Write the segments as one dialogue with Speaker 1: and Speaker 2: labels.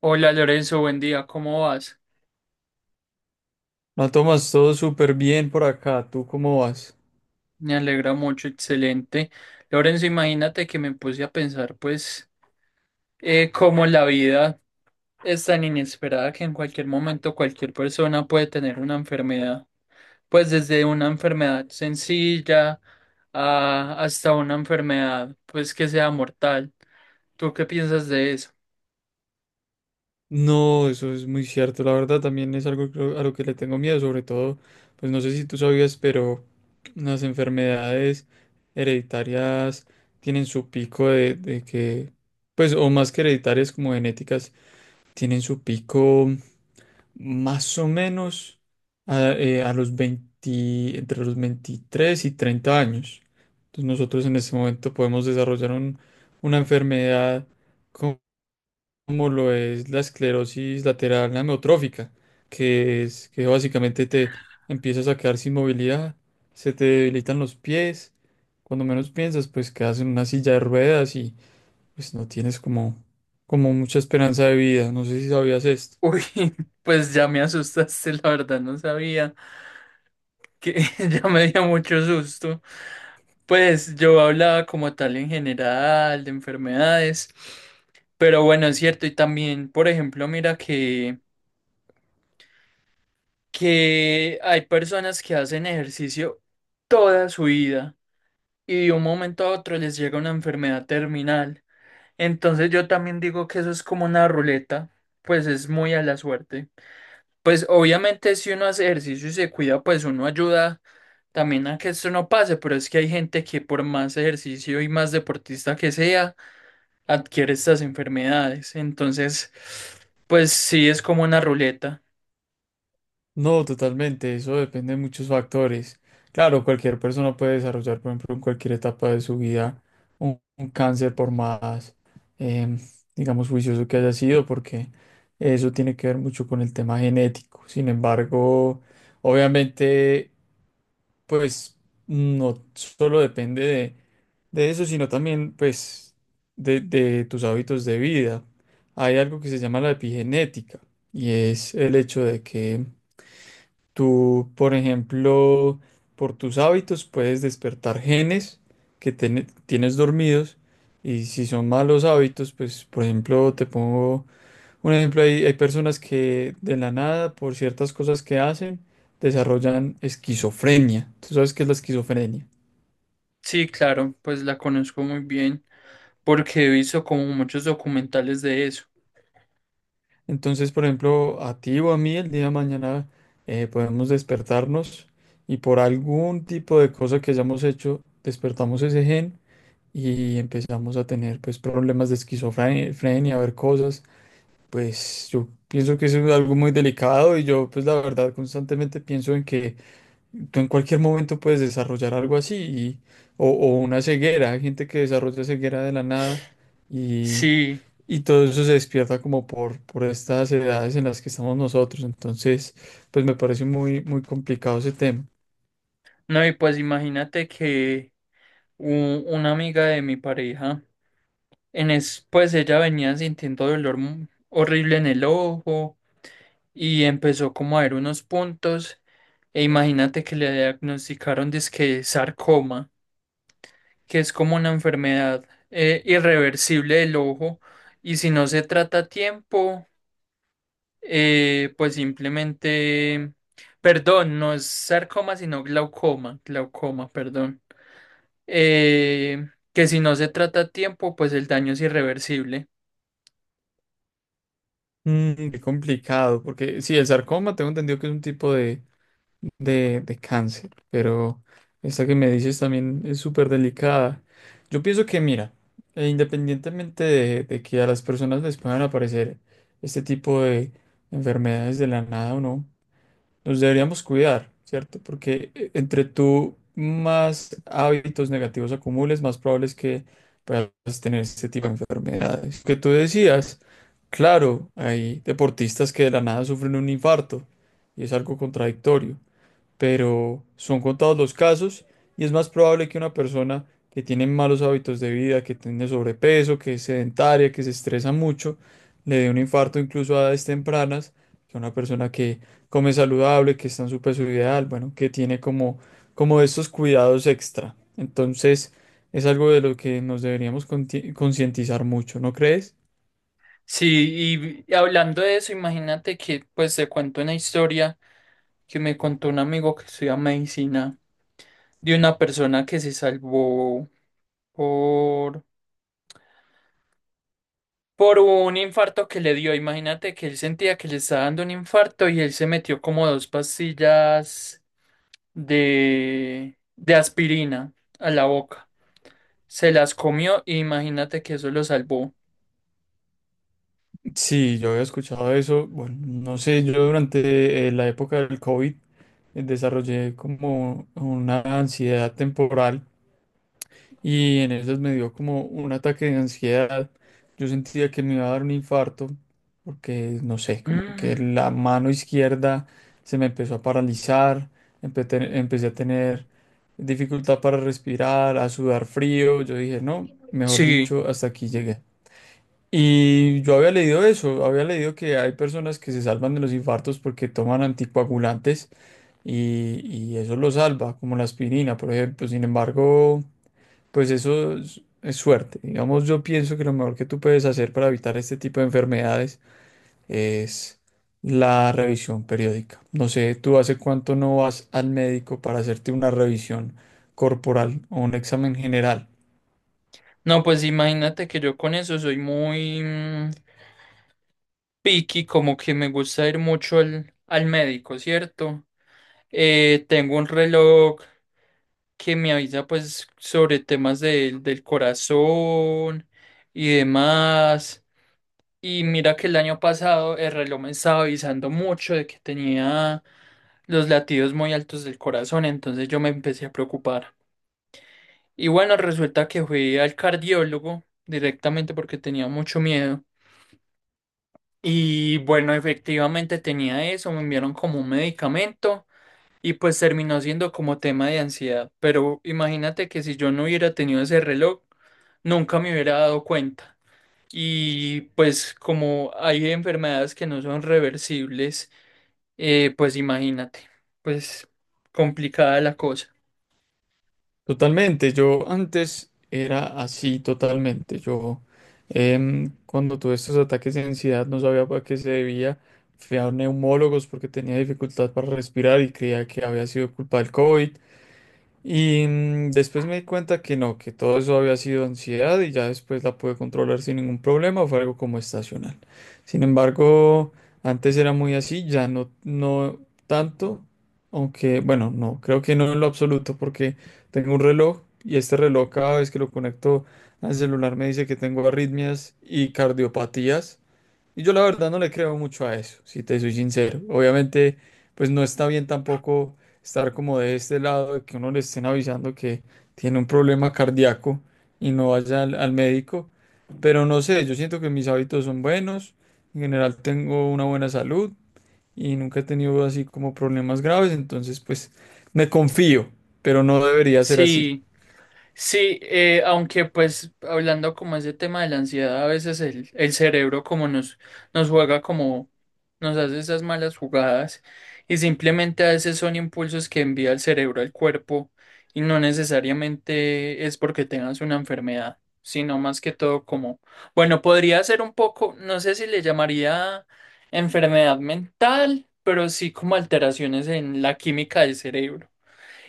Speaker 1: Hola Lorenzo, buen día, ¿cómo vas?
Speaker 2: No, tomas todo súper bien por acá. ¿Tú cómo vas?
Speaker 1: Me alegra mucho, excelente. Lorenzo, imagínate que me puse a pensar, cómo la vida es tan inesperada que en cualquier momento cualquier persona puede tener una enfermedad. Pues desde una enfermedad sencilla hasta una enfermedad, pues, que sea mortal. ¿Tú qué piensas de eso?
Speaker 2: No, eso es muy cierto. La verdad también es algo a lo que le tengo miedo. Sobre todo, pues no sé si tú sabías, pero las enfermedades hereditarias tienen su pico de, pues, o más que hereditarias, como genéticas, tienen su pico, más o menos a los 20, entre los 23 y 30 años. Entonces nosotros en este momento podemos desarrollar una enfermedad co- como lo es la esclerosis lateral amiotrófica, que es que básicamente te empiezas a quedar sin movilidad, se te debilitan los pies, cuando menos piensas, pues quedas en una silla de ruedas y pues no tienes como, como mucha esperanza de vida. No sé si sabías esto.
Speaker 1: Uy, pues ya me asustaste, la verdad, no sabía que Ya me dio mucho susto. Pues yo hablaba como tal en general de enfermedades, pero bueno, es cierto, y también, por ejemplo, mira que hay personas que hacen ejercicio toda su vida y de un momento a otro les llega una enfermedad terminal. Entonces yo también digo que eso es como una ruleta, pues es muy a la suerte. Pues obviamente si uno hace ejercicio y se cuida, pues uno ayuda también a que esto no pase, pero es que hay gente que por más ejercicio y más deportista que sea, adquiere estas enfermedades. Entonces, pues sí es como una ruleta.
Speaker 2: No, totalmente, eso depende de muchos factores. Claro, cualquier persona puede desarrollar, por ejemplo, en cualquier etapa de su vida un cáncer, por más, em, digamos, juicioso que haya sido, porque eso tiene que ver mucho con el tema genético. Sin embargo, obviamente, pues no solo depende de eso, sino también, pues, de tus hábitos de vida. Hay algo que se llama la epigenética y es el hecho de que tú, por ejemplo, por tus hábitos puedes despertar genes que tienes dormidos. Y si son malos hábitos, pues, por ejemplo, te pongo un ejemplo, hay personas que de la nada, por ciertas cosas que hacen, desarrollan esquizofrenia. ¿Tú sabes qué es la esquizofrenia?
Speaker 1: Sí, claro, pues la conozco muy bien porque he visto como muchos documentales de eso.
Speaker 2: Entonces, por ejemplo, a ti o a mí el día de mañana, podemos despertarnos y por algún tipo de cosa que hayamos hecho, despertamos ese gen y empezamos a tener pues problemas de esquizofrenia, a ver cosas. Pues yo pienso que eso es algo muy delicado y yo pues la verdad constantemente pienso en que tú en cualquier momento puedes desarrollar algo así o una ceguera. Hay gente que desarrolla ceguera de la nada, y,
Speaker 1: Sí,
Speaker 2: y todo eso se despierta como por estas edades en las que estamos nosotros. Entonces pues me parece muy, muy complicado ese tema.
Speaker 1: no, y pues imagínate que una amiga de mi pareja, pues ella venía sintiendo dolor horrible en el ojo y empezó como a ver unos puntos e imagínate que le diagnosticaron dizque sarcoma, que es como una enfermedad irreversible del ojo, y si no se trata a tiempo pues simplemente, perdón, no es sarcoma, sino glaucoma, glaucoma, perdón. Que si no se trata a tiempo, pues el daño es irreversible.
Speaker 2: Mm, qué complicado, porque sí, el sarcoma tengo entendido que es un tipo de cáncer, pero esta que me dices también es súper delicada. Yo pienso que, mira, independientemente de que a las personas les puedan aparecer este tipo de enfermedades de la nada o no, nos deberíamos cuidar, ¿cierto? Porque entre tú más hábitos negativos acumules, más probable es que puedas tener este tipo de enfermedades. Que tú decías, claro, hay deportistas que de la nada sufren un infarto y es algo contradictorio, pero son contados los casos, y es más probable que una persona que tiene malos hábitos de vida, que tiene sobrepeso, que es sedentaria, que se estresa mucho, le dé un infarto incluso a edades tempranas, que una persona que come saludable, que está en su peso ideal, bueno, que tiene como, como estos cuidados extra. Entonces, es algo de lo que nos deberíamos concientizar mucho, ¿no crees?
Speaker 1: Sí, y hablando de eso, imagínate que pues te cuento una historia que me contó un amigo que estudia medicina, de una persona que se salvó por un infarto que le dio. Imagínate que él sentía que le estaba dando un infarto y él se metió como dos pastillas de aspirina a la boca. Se las comió y imagínate que eso lo salvó.
Speaker 2: Sí, yo había escuchado eso. Bueno, no sé, yo durante la época del COVID desarrollé como una ansiedad temporal, y en esas me dio como un ataque de ansiedad. Yo sentía que me iba a dar un infarto, porque, no sé, como
Speaker 1: Mm,
Speaker 2: que la mano izquierda se me empezó a paralizar, empecé a tener dificultad para respirar, a sudar frío. Yo dije, no, mejor
Speaker 1: sí,
Speaker 2: dicho, hasta aquí llegué. Y yo había leído eso, había leído que hay personas que se salvan de los infartos porque toman anticoagulantes y eso lo salva, como la aspirina, por ejemplo. Sin embargo, pues eso es suerte. Digamos, yo pienso que lo mejor que tú puedes hacer para evitar este tipo de enfermedades es la revisión periódica. No sé, ¿tú hace cuánto no vas al médico para hacerte una revisión corporal o un examen general?
Speaker 1: no, pues imagínate que yo con eso soy muy... mm, picky, como que me gusta ir mucho al, al médico, ¿cierto? Tengo un reloj que me avisa pues sobre temas del corazón y demás. Y mira que el año pasado el reloj me estaba avisando mucho de que tenía los latidos muy altos del corazón, entonces yo me empecé a preocupar. Y bueno, resulta que fui al cardiólogo directamente porque tenía mucho miedo. Y bueno, efectivamente tenía eso, me enviaron como un medicamento y pues terminó siendo como tema de ansiedad. Pero imagínate que si yo no hubiera tenido ese reloj, nunca me hubiera dado cuenta. Y pues como hay enfermedades que no son reversibles, pues imagínate, pues complicada la cosa.
Speaker 2: Totalmente, yo antes era así totalmente. Yo cuando tuve estos ataques de ansiedad no sabía para qué se debía. Fui a neumólogos porque tenía dificultad para respirar y creía que había sido culpa del COVID. Y mm, después me di cuenta que no, que todo eso había sido ansiedad y ya después la pude controlar sin ningún problema, fue algo como estacional. Sin embargo, antes era muy así, ya no, no tanto, aunque bueno, no, creo que no en lo absoluto, porque tengo un reloj y este reloj cada vez que lo conecto al celular me dice que tengo arritmias y cardiopatías. Y yo la verdad no le creo mucho a eso, si te soy sincero. Obviamente, pues no está bien tampoco estar como de este lado, de que uno le estén avisando que tiene un problema cardíaco y no vaya al médico. Pero no sé, yo siento que mis hábitos son buenos, en general tengo una buena salud y nunca he tenido así como problemas graves, entonces pues me confío, pero no debería ser así.
Speaker 1: Sí. Sí, aunque pues hablando como ese tema de la ansiedad, a veces el cerebro como nos juega como, nos hace esas malas jugadas, y simplemente a veces son impulsos que envía el cerebro al cuerpo y no necesariamente es porque tengas una enfermedad, sino más que todo como, bueno, podría ser un poco, no sé si le llamaría enfermedad mental, pero sí como alteraciones en la química del cerebro.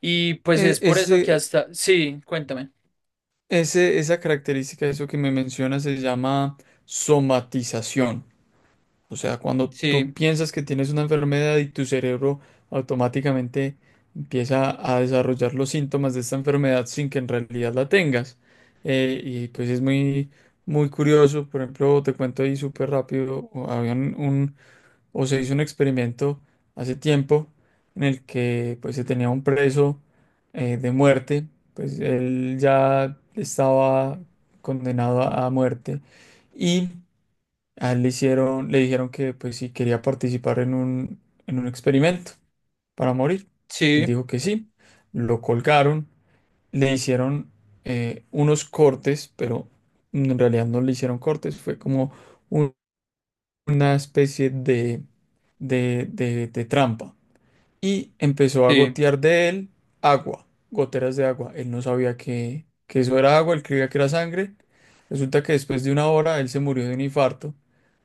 Speaker 1: Y pues
Speaker 2: E-
Speaker 1: es por eso que
Speaker 2: ese,
Speaker 1: hasta, sí, cuéntame.
Speaker 2: esa característica, eso que me menciona, se llama somatización. O sea, cuando tú
Speaker 1: Sí,
Speaker 2: piensas que tienes una enfermedad y tu cerebro automáticamente empieza a desarrollar los síntomas de esta enfermedad sin que en realidad la tengas. Y pues es muy, muy curioso. Por ejemplo, te cuento ahí súper rápido, o o se hizo un experimento hace tiempo en el que pues se tenía un preso de muerte, pues él ya estaba condenado a muerte. Y a él le hicieron, le dijeron que pues si quería participar en en un experimento para morir. Él
Speaker 1: sí,
Speaker 2: dijo que sí, lo colgaron, le hicieron unos cortes, pero en realidad no le hicieron cortes, fue como un- una especie de trampa. Y empezó a
Speaker 1: sí.
Speaker 2: gotear de él agua, goteras de agua. Él no sabía que eso era agua, él creía que era sangre. Resulta que después de una hora él se murió de un infarto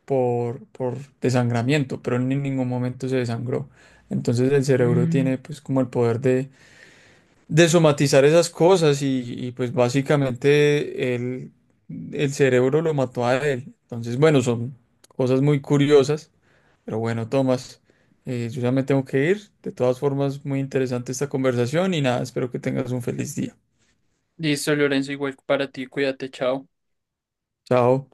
Speaker 2: por desangramiento, pero él en ningún momento se desangró. Entonces el cerebro
Speaker 1: Mm,
Speaker 2: tiene pues como el poder de somatizar esas cosas y, pues el cerebro lo mató a él. Entonces bueno, son cosas muy curiosas, pero bueno, Tomás, yo ya me tengo que ir. De todas formas, muy interesante esta conversación y nada, espero que tengas un feliz día.
Speaker 1: listo, Lorenzo, igual para ti, cuídate, chao.
Speaker 2: Chao.